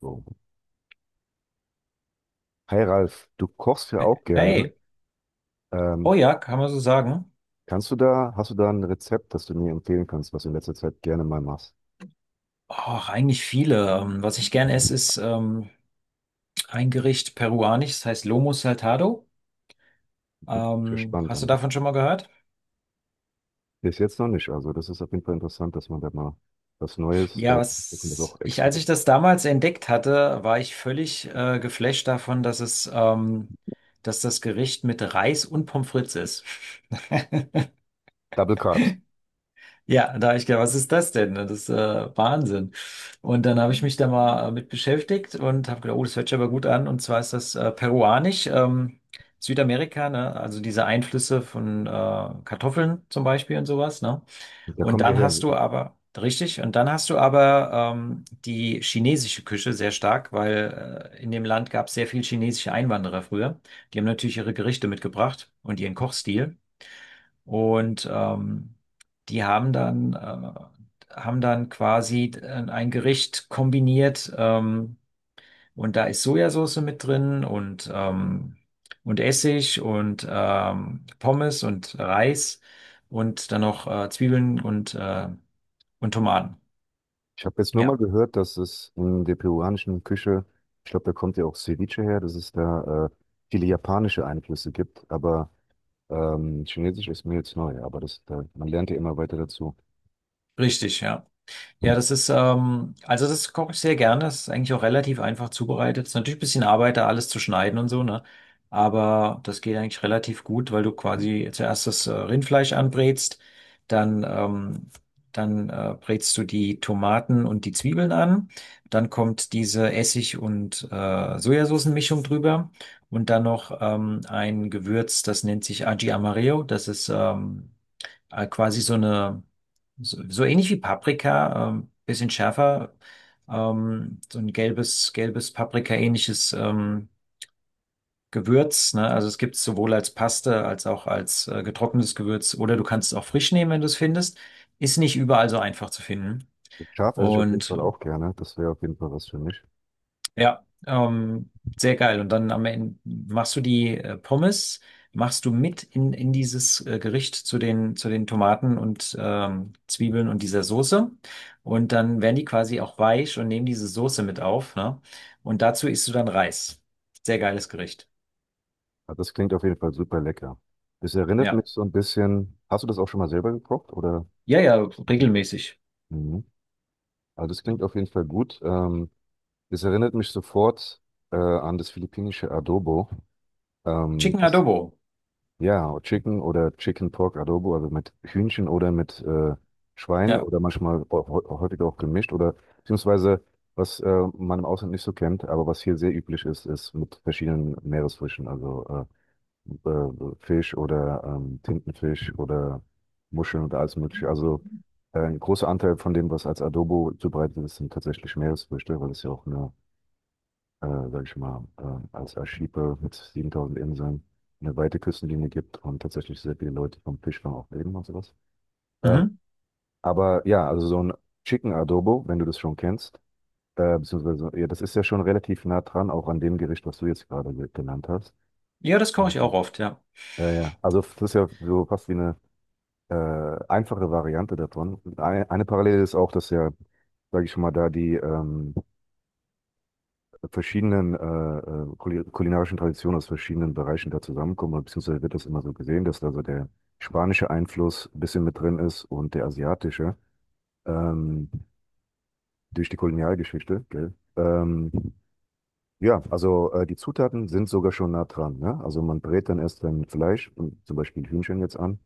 So. Hi Ralf, du kochst ja auch gerne. Hey, Ähm, oh ja, kann man so sagen? Kannst du da, hast du da ein Rezept, das du mir empfehlen kannst, was du in letzter Zeit gerne mal machst? Ach, eigentlich viele. Was ich gern esse, ist ein Gericht peruanisch, das heißt Lomo Saltado. Ist ja spannend Hast du an. davon schon mal gehört? Bis jetzt noch nicht. Also das ist auf jeden Fall interessant, dass man da mal was Neues, Ja, da kommt jetzt auch extra als gut. ich das damals entdeckt hatte, war ich völlig geflasht davon, dass das Gericht mit Reis und Pommes frites ist. Double Carbs, Ja, da habe ich gedacht, was ist das denn? Das ist Wahnsinn. Und dann habe ich mich da mal mit beschäftigt und habe gedacht, oh, das hört sich aber gut an. Und zwar ist das peruanisch, Südamerika, ne? Also diese Einflüsse von Kartoffeln zum Beispiel und sowas, ne? da Und kommt ihr dann her. hast Ne? du aber, richtig, und dann hast du aber die chinesische Küche sehr stark, weil in dem Land gab es sehr viel chinesische Einwanderer früher. Die haben natürlich ihre Gerichte mitgebracht und ihren Kochstil. Und die haben haben dann quasi ein Gericht kombiniert, und da ist Sojasauce mit drin und und Essig und Pommes und Reis und dann noch Zwiebeln und und Tomaten. Ich habe jetzt nur mal Ja, gehört, dass es in der peruanischen Küche, ich glaube, da kommt ja auch Ceviche her, dass es da viele japanische Einflüsse gibt, aber Chinesisch ist mir jetzt neu, aber das, da, man lernt ja immer weiter dazu. richtig, ja. Ja, das ist, also das koche ich sehr gerne. Das ist eigentlich auch relativ einfach zubereitet. Ist natürlich ein bisschen Arbeit, da alles zu schneiden und so, ne? Aber das geht eigentlich relativ gut, weil du quasi zuerst das Rindfleisch anbrätst, dann, ähm, dann brätst du die Tomaten und die Zwiebeln an, dann kommt diese Essig- und Sojasoßenmischung drüber und dann noch ein Gewürz, das nennt sich Aji Amarillo. Das ist quasi so eine so ähnlich wie Paprika, bisschen schärfer, so ein gelbes Paprika-ähnliches Gewürz, ne? Also es gibt es sowohl als Paste als auch als getrocknetes Gewürz oder du kannst es auch frisch nehmen, wenn du es findest. Ist nicht überall so einfach zu finden. Schaf esse ich auf jeden Und Fall ähm, auch gerne. Das wäre auf jeden Fall was für mich. Ja, ähm, Sehr geil. Und dann am Ende machst du die Pommes, machst du in dieses Gericht zu zu den Tomaten und Zwiebeln und dieser Soße. Und dann werden die quasi auch weich und nehmen diese Soße mit auf, ne? Und dazu isst du dann Reis. Sehr geiles Gericht. Aber das klingt auf jeden Fall super lecker. Das erinnert Ja. mich so ein bisschen. Hast du das auch schon mal selber gekocht? Oder? Ja, ja, Noch. regelmäßig. Mhm. Also das klingt auf jeden Fall gut. Das erinnert mich sofort an das philippinische Adobo. Ähm, Chicken das, Adobo. ja, Chicken oder Chicken Pork Adobo, also mit Hühnchen oder mit Schwein Ja. oder manchmal auch häufiger auch gemischt oder beziehungsweise was man im Ausland nicht so kennt, aber was hier sehr üblich ist, ist mit verschiedenen Meeresfrüchten. Also äh, Fisch oder Tintenfisch oder Muscheln und alles Mögliche. Also ein großer Anteil von dem, was als Adobo zubereitet ist, sind tatsächlich Meeresfrüchte, weil es ja auch eine, sag ich mal, als Archipel mit 7000 Inseln eine weite Küstenlinie gibt und tatsächlich sehr viele Leute vom Fischfang auch leben und sowas. Ähm, Mhm. aber ja, also so ein Chicken Adobo, wenn du das schon kennst, beziehungsweise, ja, das ist ja schon relativ nah dran, auch an dem Gericht, was du jetzt gerade genannt hast. Ja, das koche Ja. ich auch oft, ja. Ja, ja. Also das ist ja so fast wie eine äh, einfache Variante davon. Und eine Parallele ist auch, dass ja, sage ich schon mal, da die verschiedenen kulinarischen Traditionen aus verschiedenen Bereichen da zusammenkommen, oder beziehungsweise wird das immer so gesehen, dass da so der spanische Einfluss ein bisschen mit drin ist und der asiatische ähm, durch die Kolonialgeschichte, gell? Ja, also die Zutaten sind sogar schon nah dran, ne? Also man brät dann erst dann Fleisch, und zum Beispiel Hühnchen jetzt an.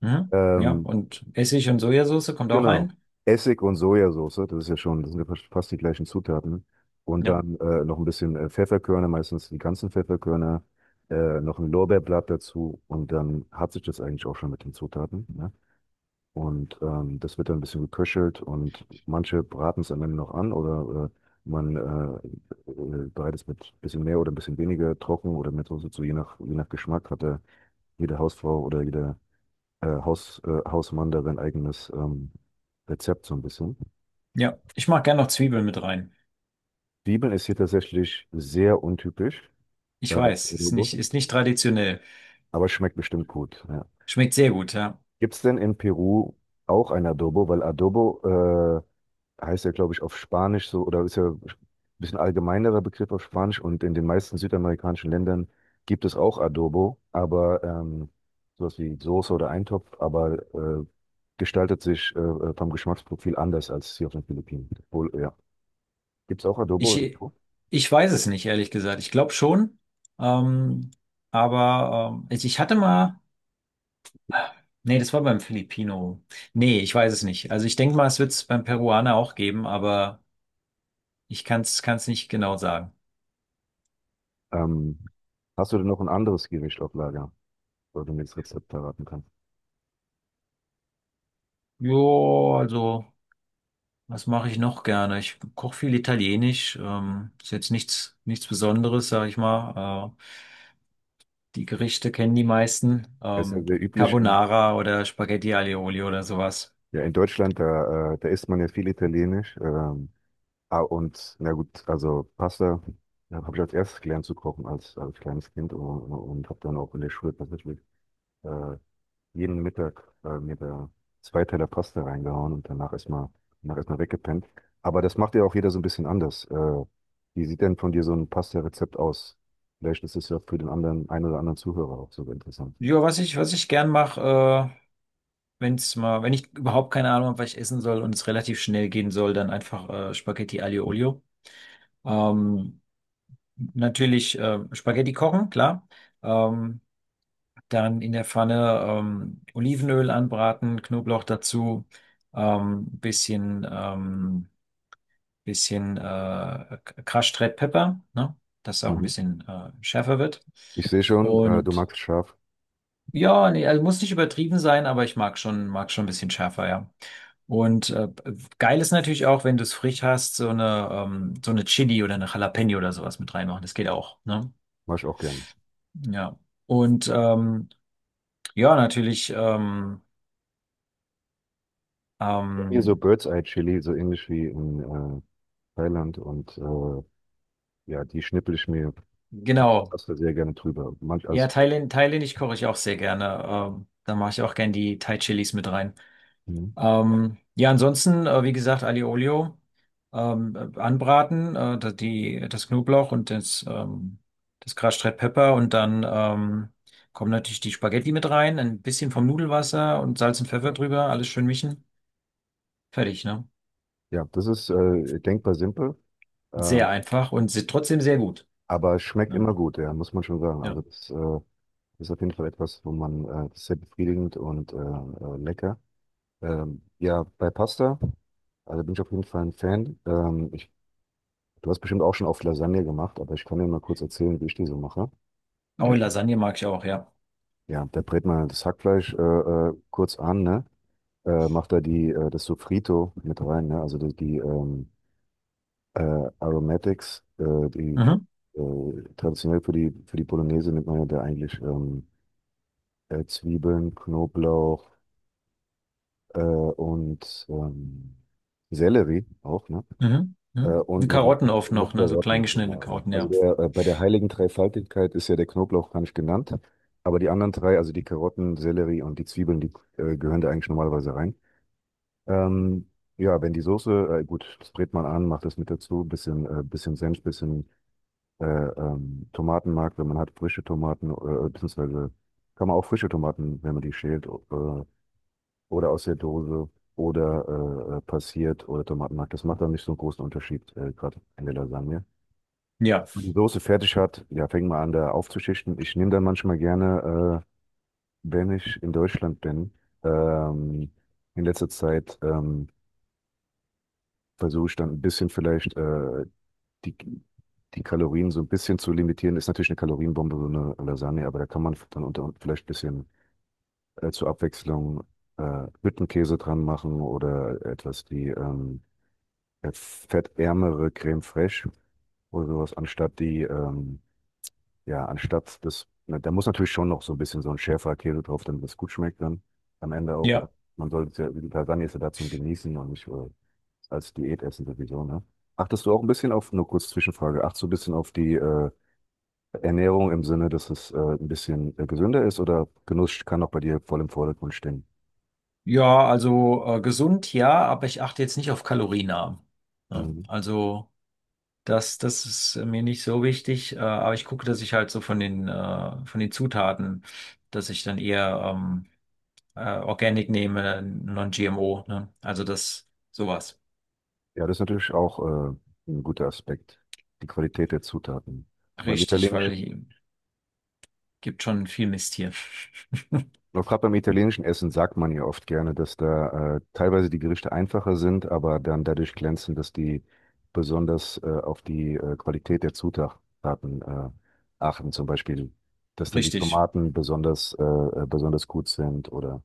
Mhm. Ja. Ähm, Und Essig und Sojasauce kommt auch Genau. rein. Essig und Sojasauce, das ist ja schon, das sind ja fast fast die gleichen Zutaten. Und Ja. dann noch ein bisschen Pfefferkörner, meistens die ganzen Pfefferkörner, noch ein Lorbeerblatt dazu und dann hat sich das eigentlich auch schon mit den Zutaten. Ne? Und das wird dann ein bisschen geköchelt und manche braten es am Ende noch an oder man bereitet es mit ein bisschen mehr oder ein bisschen weniger trocken oder mit Soße zu, je nach Geschmack hat da jede Hausfrau oder jeder Hausmann da sein eigenes Rezept so ein bisschen. Ja. Ich mache gerne noch Zwiebeln mit rein. Zwiebeln ist hier tatsächlich sehr untypisch, Ich äh, weiß, Adobo, ist nicht traditionell. aber schmeckt bestimmt gut. Ja. Schmeckt sehr gut, ja. Gibt es denn in Peru auch ein Adobo? Weil Adobo heißt ja, glaube ich, auf Spanisch so, oder ist ja ein bisschen allgemeinerer Begriff auf Spanisch und in den meisten südamerikanischen Ländern gibt es auch Adobo, aber sowas wie Soße oder Eintopf, aber gestaltet sich vom Geschmacksprofil anders als hier auf den Philippinen. Obwohl, ja, gibt's auch Adobo im Ich, Po? ich weiß es nicht, ehrlich gesagt. Ich glaube schon. Ähm, aber ich hatte mal. Nee, das war beim Filipino. Nee, ich weiß es nicht. Also ich denke mal, es wird es beim Peruaner auch geben, aber ich kann es nicht genau sagen. Ähm, hast du denn noch ein anderes Gericht auf Lager, wo du mir das Rezept verraten kannst? Jo, also, was mache ich noch gerne? Ich koche viel Italienisch. Ist jetzt nichts Besonderes, sag ich mal. Die Gerichte kennen die meisten. Das ist ja sehr üblich in, Carbonara oder Spaghetti Aioli oder sowas. ja, in Deutschland, da, da isst man ja viel Italienisch. Ah, und na gut, also Pasta habe ich als erstes gelernt zu kochen als, als kleines Kind und habe dann auch in der Schule tatsächlich äh, jeden Mittag mir da zwei Teller Pasta reingehauen und danach erstmal weggepennt. Aber das macht ja auch jeder so ein bisschen anders. Wie sieht denn von dir so ein Pasta-Rezept aus? Vielleicht ist es ja für den anderen, einen oder anderen Zuhörer auch sogar interessant. Ja, was ich gern mache, wenn ich überhaupt keine Ahnung habe, was ich essen soll und es relativ schnell gehen soll, dann einfach Spaghetti Aioli. Ähm, natürlich Spaghetti kochen, klar. Ähm, dann in der Pfanne Olivenöl anbraten, Knoblauch dazu, ähm, bisschen ähm, bisschen Crash Red Pepper, ne? Dass es auch ein Mhm. bisschen schärfer wird. Ich sehe schon, du Und magst scharf, ja, nee, also muss nicht übertrieben sein, aber ich mag schon ein bisschen schärfer, ja. Und geil ist natürlich auch, wenn du es frisch hast, so eine Chili oder eine Jalapeno oder sowas mit reinmachen. Das geht auch, ne? mach ich auch gerne. Ja. Und ähm, ja, natürlich, ähm, Hier so ähm, Bird's Eye Chili, so ähnlich wie in Thailand und ja, die schnippel ich mir die genau. Pasta sehr gerne drüber. Manch, Ja, also, thailändisch koche ich auch sehr gerne. Da mache ich auch gerne die Thai-Chilis mit rein. mhm. Ja, ansonsten, wie gesagt, Aliolio anbraten, das Knoblauch und das Crushed Red Pepper und dann kommen natürlich die Spaghetti mit rein, ein bisschen vom Nudelwasser und Salz und Pfeffer drüber, alles schön mischen. Fertig, ne? Ja, das ist denkbar simpel. Äh, Sehr einfach und se- trotzdem sehr gut. Aber es schmeckt Ja. immer gut, ja, muss man schon sagen. Ja. Also das ist auf jeden Fall etwas, wo man, das ist sehr befriedigend und lecker. Ja, bei Pasta, also bin ich auf jeden Fall ein Fan. Du hast bestimmt auch schon oft Lasagne gemacht, aber ich kann dir mal kurz erzählen, wie ich die so mache. Oh, Lasagne mag ich auch, ja. Ja, da brät man das Hackfleisch kurz an, ne? Macht da die, das Sofrito mit rein, ne? Also die, die äh, Aromatics, die Mhm, traditionell für die Bolognese nimmt man ja da eigentlich Zwiebeln, Knoblauch äh, und ähm, Sellerie auch, ne? Äh, mhm. und Und noch, Karotten oft noch noch, ne? So klein Karotten. geschnittene Genau. Karotten, Also ja. der, bei der heiligen Dreifaltigkeit ist ja der Knoblauch gar nicht genannt, aber die anderen drei, also die Karotten, Sellerie und die Zwiebeln, die gehören da eigentlich normalerweise rein. Ähm, ja, wenn die Soße, gut, das brät man an, macht das mit dazu, bisschen, bisschen Senf, bisschen Tomatenmark, wenn man hat frische Tomaten, beziehungsweise kann man auch frische Tomaten, wenn man die schält, oder aus der Dose oder passiert oder Tomatenmark. Das macht dann nicht so einen großen Unterschied, gerade in der Lasagne. Ja, Wenn man die Soße fertig hat, ja, fängt man an, da aufzuschichten. Ich nehme dann manchmal gerne, wenn ich in Deutschland bin, ähm, in letzter Zeit versuche ich dann ein bisschen vielleicht die, die Kalorien so ein bisschen zu limitieren. Ist natürlich eine Kalorienbombe, so eine Lasagne, aber da kann man dann unter vielleicht ein bisschen zur Abwechslung Hüttenkäse dran machen oder etwas, die fettärmere Creme Fraiche oder sowas, anstatt die, na, da muss natürlich schon noch so ein bisschen so ein schärferer Käse drauf, damit es gut schmeckt dann am Ende auch. Ne? ja. Man sollte es ja, die Lasagne ist ja da zum Genießen und nicht als Diät essen sowieso, ne? Achtest du auch ein bisschen auf, nur kurz Zwischenfrage, achtest du ein bisschen auf die Ernährung im Sinne, dass es ein bisschen gesünder ist oder Genuss kann auch bei dir voll im Vordergrund stehen? Ja, also gesund, ja, aber ich achte jetzt nicht auf Kalorienarm. Ja, Mhm. also das ist mir nicht so wichtig, aber ich gucke, dass ich halt so von von den Zutaten, dass ich dann eher Organic nehme, Non-GMO, ne? Also das, sowas. Ja, das ist natürlich auch äh, ein guter Aspekt, die Qualität der Zutaten. Beim Richtig, weil italienischen, hier gibt schon viel Mist hier. noch gerade beim italienischen Essen sagt man ja oft gerne, dass da teilweise die Gerichte einfacher sind, aber dann dadurch glänzen, dass die besonders auf die Qualität der Zutaten achten. Zum Beispiel, dass dann die Richtig. Tomaten besonders, besonders gut sind oder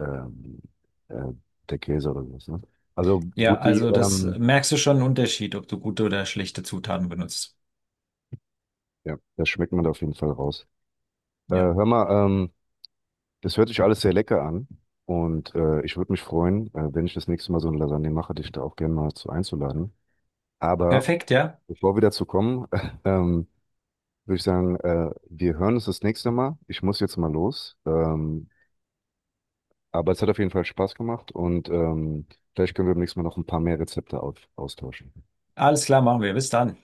ähm, äh, der Käse oder sowas. Ne? Also Ja, also das merkst du schon einen Unterschied, ob du gute oder schlechte Zutaten benutzt. ja, das schmeckt man da auf jeden Fall raus. Ja. Hör mal, das hört sich alles sehr lecker an und ich würde mich freuen, wenn ich das nächste Mal so eine Lasagne mache, dich da auch gerne mal zu einzuladen. Aber Perfekt, ja. bevor wir dazu kommen, ähm, würde ich sagen, wir hören uns das nächste Mal. Ich muss jetzt mal los. Aber es hat auf jeden Fall Spaß gemacht und vielleicht können wir beim nächsten Mal noch ein paar mehr Rezepte austauschen. Alles klar, machen wir. Bis dann.